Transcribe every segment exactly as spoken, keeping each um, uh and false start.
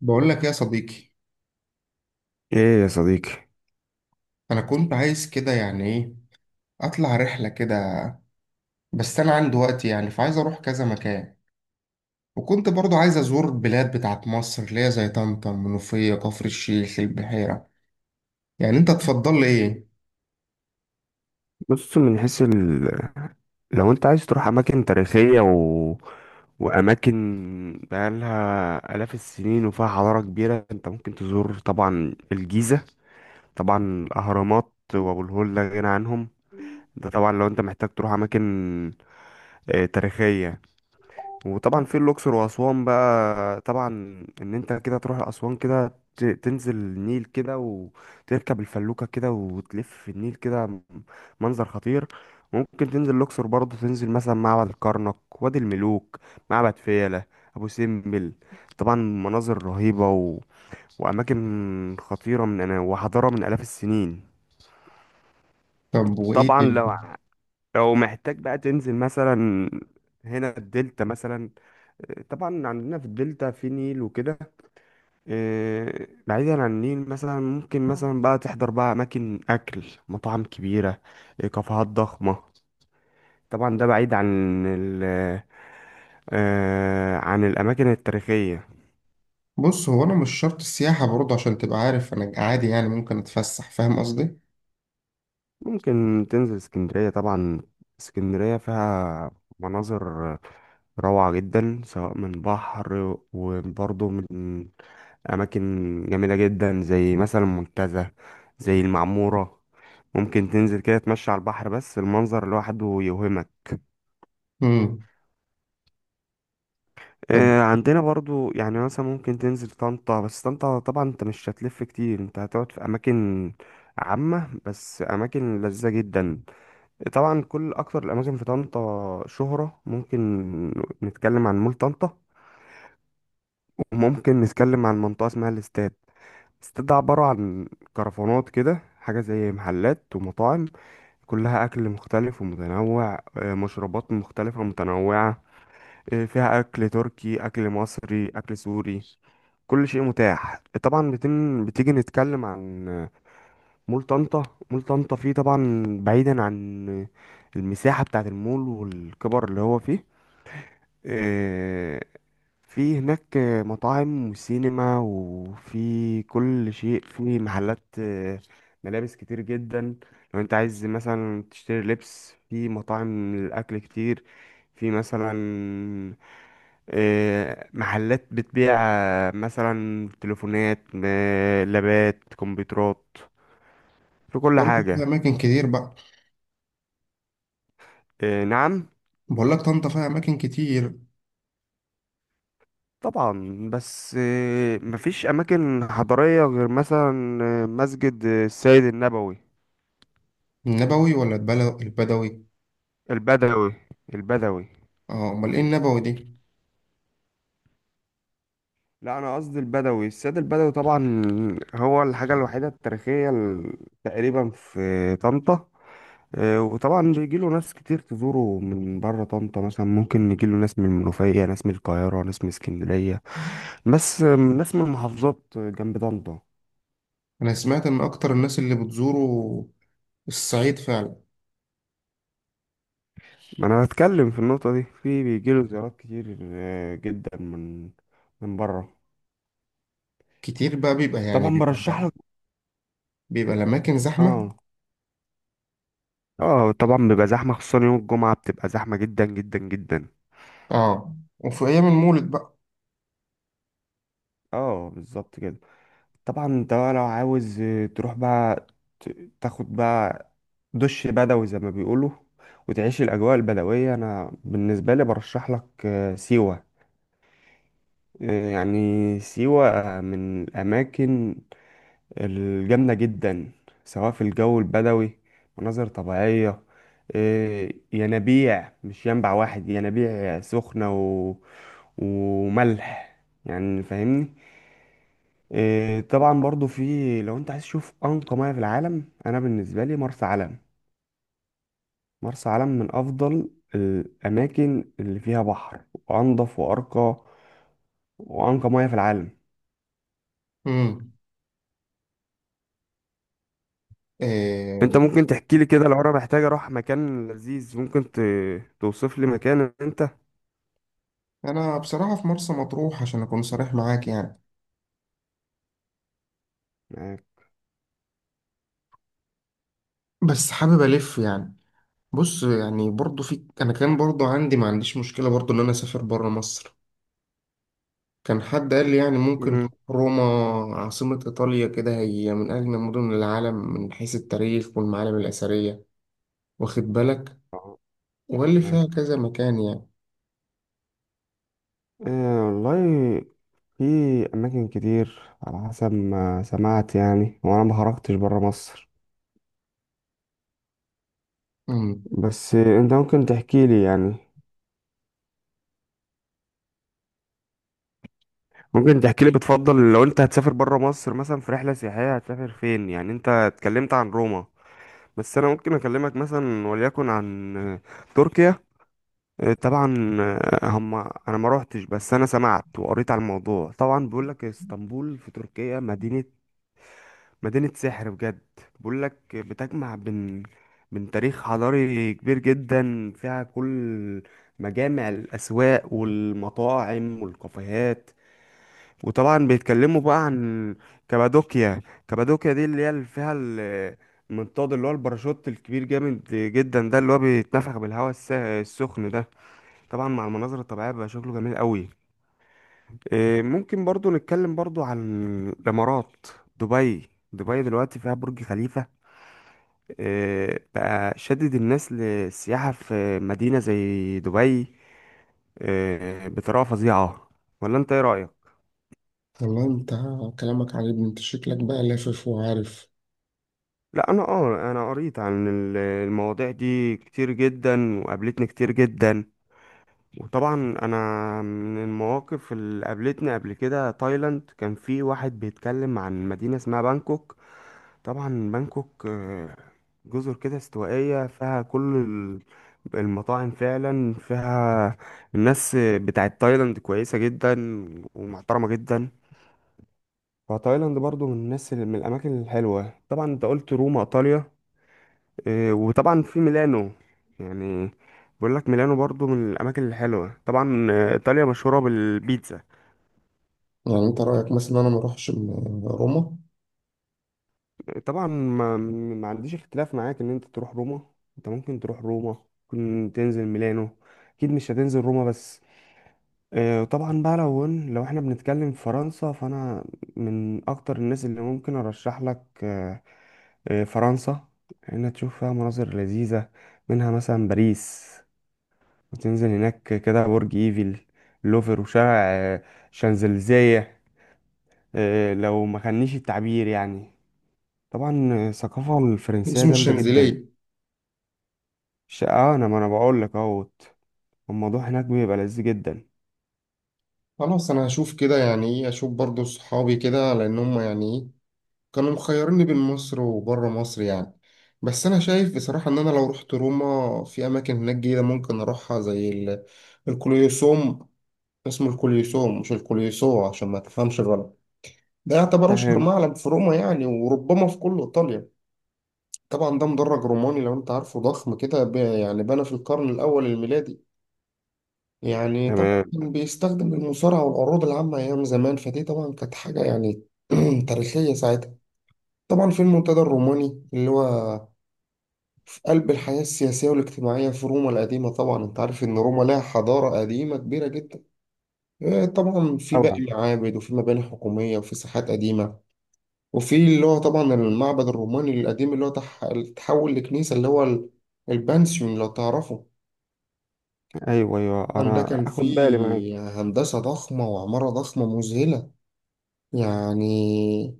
بقول لك يا صديقي، ايه يا صديقي. انا كنت عايز كده يعني ايه اطلع رحله كده. بس انا عندي وقت يعني فعايز اروح كذا مكان. وكنت برضو عايز ازور البلاد بتاعت مصر اللي هي زي طنطا، المنوفيه، كفر الشيخ، البحيره. يعني انت تفضل لي ايه؟ بص، من حيث ال... لو انت عايز تروح اماكن تاريخية و... واماكن بقالها الاف السنين وفيها حضارة كبيرة، انت ممكن تزور طبعا الجيزة. طبعا الاهرامات وابو الهول لا غنى عنهم. ده طبعا لو انت محتاج تروح اماكن آه، تاريخية. وطبعا في الاقصر واسوان بقى. طبعا ان انت كده تروح اسوان كده، ت- تنزل النيل كده وتركب الفلوكه كده وتلف في النيل كده. م- منظر خطير. ممكن تنزل الاقصر برضه، تنزل مثلا معبد الكرنك، وادي الملوك، معبد فيلة، ابو سمبل. طبعا مناظر رهيبه و... واماكن خطيره من أنا وحضاره من الاف السنين. طب وايه طبعا تاني؟ لو لو محتاج بقى تنزل مثلا هنا الدلتا مثلا. طبعا عندنا في الدلتا في نيل وكده. آه، بعيدا عن النيل مثلا ممكن مثلا بقى تحضر بقى أماكن أكل، مطاعم كبيرة، آه، كافيهات ضخمة. طبعا ده بعيد عن ال آه، عن الأماكن التاريخية. بص، هو انا مش شرط السياحه برضو عشان تبقى عارف، انا عادي يعني ممكن اتفسح، فاهم قصدي. ممكن تنزل اسكندرية طبعا. اسكندرية فيها مناظر روعة جدا، سواء من بحر وبرضه من أماكن جميلة جدا، زي مثلا المنتزه، زي المعمورة. ممكن تنزل كده تمشي على البحر، بس المنظر لوحده يوهمك. امم. طب آه، عندنا برضو يعني مثلا ممكن تنزل طنطا، بس طنطا طبعا انت مش هتلف كتير، انت هتقعد في أماكن عامة بس أماكن لذيذة جدا. طبعا كل أكتر الأماكن في طنطا شهرة، ممكن نتكلم عن مول طنطا، وممكن نتكلم عن منطقة اسمها الاستاد. الاستاد ده عبارة عن كرفانات كده، حاجة زي محلات ومطاعم، كلها أكل مختلف ومتنوع، آه، مشروبات مختلفة ومتنوعة. آه، فيها أكل تركي، أكل مصري، أكل سوري، كل شيء متاح. طبعا بتن... بتيجي نتكلم عن آه، مول طنطا. مول طنطا فيه طبعا، بعيدا عن آه، المساحة بتاعة المول والكبر اللي هو فيه، آه، في هناك مطاعم وسينما وفي كل شيء، في محلات آه، ملابس كتير جدا، لو انت عايز مثلا تشتري لبس، في مطاعم للأكل كتير، في مثلا آه، محلات بتبيع آه، مثلا تليفونات، آه، لابات، كمبيوترات، في كل طنطا فيها حاجة. اماكن كتير بقى. آه، نعم. بقول لك طنطا فيها اماكن كتير. طبعا، بس آه، مفيش أماكن حضارية غير مثلا آه، مسجد السيد النبوي. النبوي ولا البلو- البدوي؟ البدوي، البدوي. اه امال ايه النبوي دي. لا، أنا قصدي البدوي، السيد البدوي طبعا. هو الحاجة الوحيدة التاريخية ال- تقريبا في طنطا. آه، وطبعا بيجيله ناس كتير تزوره من بره طنطا، مثلا ممكن يجيله ناس من المنوفية، ناس من القاهرة، ناس من اسكندرية. بس آه، ناس من محافظات جنب طنطا. انا سمعت ان اكتر الناس اللي بتزوروا الصعيد فعلا. ما انا بتكلم في النقطة دي، في بيجيله زيارات كتير آه، جدا من من بره. كتير بقى بيبقى يعني طبعا بيبقى برشح لك. بيبقى الاماكن زحمه. اه. اه طبعا بيبقى زحمة، خصوصا يوم الجمعة بتبقى زحمة جدا جدا جدا. اه وفي ايام المولد بقى. اه بالظبط كده. طبعا انت بقى لو عاوز آه، تروح بقى، ت- تاخد بقى دش بدوي زي ما بيقولوا وتعيش الأجواء البدوية. أنا بالنسبة لي برشح لك آه، سيوة. آه، يعني سيوة آه، من الأماكن الجامدة جدا، سواء في الجو البدوي، مناظر طبيعية، إيه، ينابيع، مش ينبع واحد، ينابيع سخنة و... وملح، يعني فاهمني. إيه، طبعا برضو، في لو انت عايز تشوف أنقى مياه في العالم، أنا بالنسبة لي مرسى علم. مرسى علم من أفضل الأماكن اللي فيها بحر، وأنضف وأرقى وأنقى مياه في العالم. امم. انت إيه. ممكن تحكي لي كده، لو انا محتاج اروح مكان لذيذ، ممكن ت... توصف لي مكان انت. انا بصراحه في مرسى مطروح عشان اكون صريح معاك يعني، معاك. بس حابب الف يعني. بص، يعني برضو في، انا كان برضو عندي، ما عنديش مشكله برضو ان انا اسافر بره مصر. كان حد قال لي يعني ممكن مم. تروح روما، عاصمة إيطاليا، كده هي من أجمل مدن العالم من حيث التاريخ والمعالم الأثرية، واخد بالك، أه، واللي معاك. فيها كذا مكان يعني. أه والله، في أماكن كتير على حسب ما سمعت، يعني وأنا ما خرجتش برا مصر. امم. بس أنت ممكن تحكي لي يعني، ممكن تحكي لي بتفضل لو أنت هتسافر برا مصر مثلا في رحلة سياحية، هتسافر فين يعني؟ أنت اتكلمت عن روما، بس أنا ممكن أكلمك مثلا وليكن عن آه، تركيا. آه، طبعا، آه، هم، أنا ما روحتش، بس أنا سمعت وقريت على الموضوع. طبعا بيقول لك اسطنبول في تركيا مدينة مدينة سحر بجد. بقول لك بتجمع بين، من تاريخ حضاري كبير جدا، فيها كل مجامع الأسواق والمطاعم والكافيهات. وطبعا بيتكلموا بقى عن كابادوكيا. كابادوكيا دي اللي هي اللي فيها ال- المنطاد، اللي هو الباراشوت الكبير جامد جدا ده، اللي هو بيتنفخ بالهواء الس- السخن ده. طبعا مع المناظر الطبيعية بيبقى شكله جميل قوي. إيه، ممكن برضو نتكلم برضو عن الإمارات. دبي دبي دلوقتي فيها برج خليفة. آه، بقى شدد الناس للسياحة في مدينة زي دبي، آه، بطريقة فظيعة. ولا انت ايه رأيك؟ والله انت كلامك عاجبني، انت شكلك بقى لافف وعارف. لا، انا اه انا قريت عن ال- المواضيع دي كتير جدا، وقابلتني كتير جدا. وطبعا انا من المواقف اللي قابلتني قبل كده تايلاند، كان في واحد بيتكلم عن مدينة اسمها بانكوك. طبعا بانكوك آه، جزر كده استوائية، فيها كل ال- المطاعم، فعلا فيها الناس بتاعت تايلاند كويسة جدا ومحترمة جدا. فتايلاند برضو من الناس اللي، من الأماكن الحلوة. طبعا انت قلت روما إيطاليا، آه، وطبعا في ميلانو يعني. بقول لك ميلانو برضو من الأماكن الحلوة. طبعا آه، إيطاليا مشهورة بالبيتزا. يعني انت رأيك مثلا انا ما اروحش م- روما؟ طبعا ما, ما عنديش اختلاف معاك ان انت تروح روما. انت ممكن تروح روما، ممكن تنزل ميلانو، اكيد مش هتنزل روما بس. آه، طبعا بقى لو قلنا- لو احنا بنتكلم في فرنسا، فانا من اكتر الناس اللي ممكن ارشح لك آه، آه، فرنسا، انها تشوف فيها مناظر لذيذة. منها مثلا باريس، وتنزل هناك كده برج ايفل، لوفر، وشارع آه، شانزليزيه، آه، لو ما خانيش التعبير يعني. طبعا الثقافة الفرنسية اسمه جامدة جدا. الشنزيليه. ش- اه انا، ما انا بقول لك اهوت، الموضوع هناك بيبقى لذيذ جدا. خلاص انا هشوف كده، يعني ايه، اشوف برضو صحابي كده لان هم يعني ايه كانوا مخيريني بين مصر وبره مصر يعني. بس انا شايف بصراحة ان انا لو رحت روما في اماكن هناك جديدة ممكن اروحها زي ال- الكوليوسوم. اسمه الكوليوسوم مش الكوليوسو عشان ما تفهمش غلط. ده يعتبر أشهر تمام. معلم في روما يعني، وربما في كل إيطاليا. طبعا ده مدرج روماني لو أنت عارفه، ضخم كده، ب- يعني بنى في القرن الأول الميلادي. يعني طبعا تمام كان بيستخدم المصارعة والعروض العامة أيام زمان، فدي طبعا كانت حاجة يعني تاريخية ساعتها. طبعا في المنتدى الروماني اللي هو في قلب الحياة السياسية والاجتماعية في روما القديمة. طبعا أنت عارف إن روما لها حضارة قديمة كبيرة جدا. إيه طبعا في باقي طبعا. معابد وفي مباني حكومية وفي ساحات قديمة. وفي اللي هو طبعا المعبد الروماني القديم اللي هو تح- تحول لكنيسة، اللي هو ال- البانسيون لو تعرفه. ايوه ايوه، طبعا ده انا كان اخد بالي معاك. فيه هندسة ضخمة وعمارة ضخمة مذهلة يعني،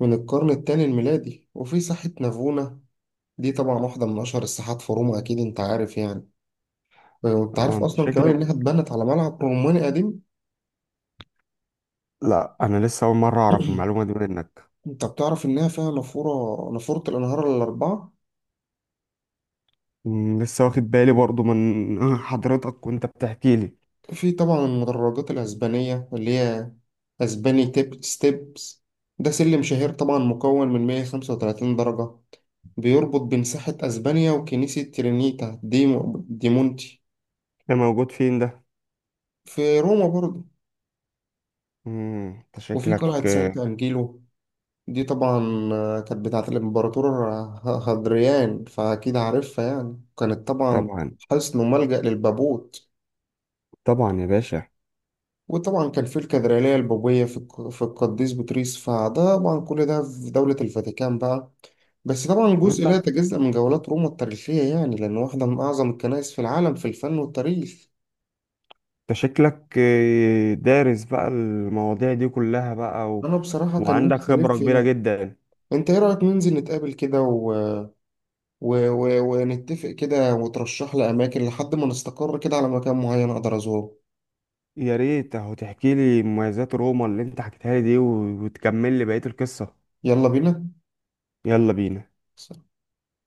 من القرن الثاني الميلادي. وفي ساحة نافونا، دي طبعا واحدة من أشهر الساحات في روما، أكيد أنت عارف يعني. وأنت اه عارف انت أصلا كمان شكلك. إنها اتبنت على ملعب روماني قديم. لا، انا لسه اول مره اعرف المعلومه دي منك. أنت بتعرف إنها فيها نافورة نافورة الأنهار الأربعة. مم، لسه واخد بالي برضو من حضرتك وانت بتحكي لي. في طبعا المدرجات الأسبانية اللي هي أسباني تيب ستيبس، ده سلم شهير طبعا مكون من مية وخمسة وتلاتين درجة، بيربط بين ساحة أسبانيا وكنيسة ترينيتا دي دي مونتي. ده موجود فين ده؟ في روما برضه. مم، انت وفي قلعة شكلك سانت آه، أنجيلو، دي طبعا آه، كانت بتاعة الإمبراطور آه، هادريان، فأكيد عارفها يعني. كانت طبعا طبعا. حصن وملجأ للبابوت. طبعا يا باشا. وطبعا كان في الكاتدرائية البوبية في الق- في القديس بطريس، فده طبعا كل ده في دولة الفاتيكان بقى. بس طبعا طب جزء لا انت، يتجزأ من جولات روما التاريخية يعني، لأن واحدة من أعظم الكنائس في العالم في الفن والتاريخ. انت شكلك آه، دارس بقى المواضيع دي كلها بقى و... أنا بصراحة كان وعندك نفسي ألف خبره كبيره فيها. جدا. أنت إيه رأيك ننزل نتقابل كده و... و... و... ونتفق كده وترشح لي أماكن لحد ما نستقر كده على مكان معين أقدر أزوره. يا ريت اهو، تحكي لي مميزات روما اللي انت حكيتها لي دي و- وتكمل لي بقية القصة. يلا بينا. يلا بينا.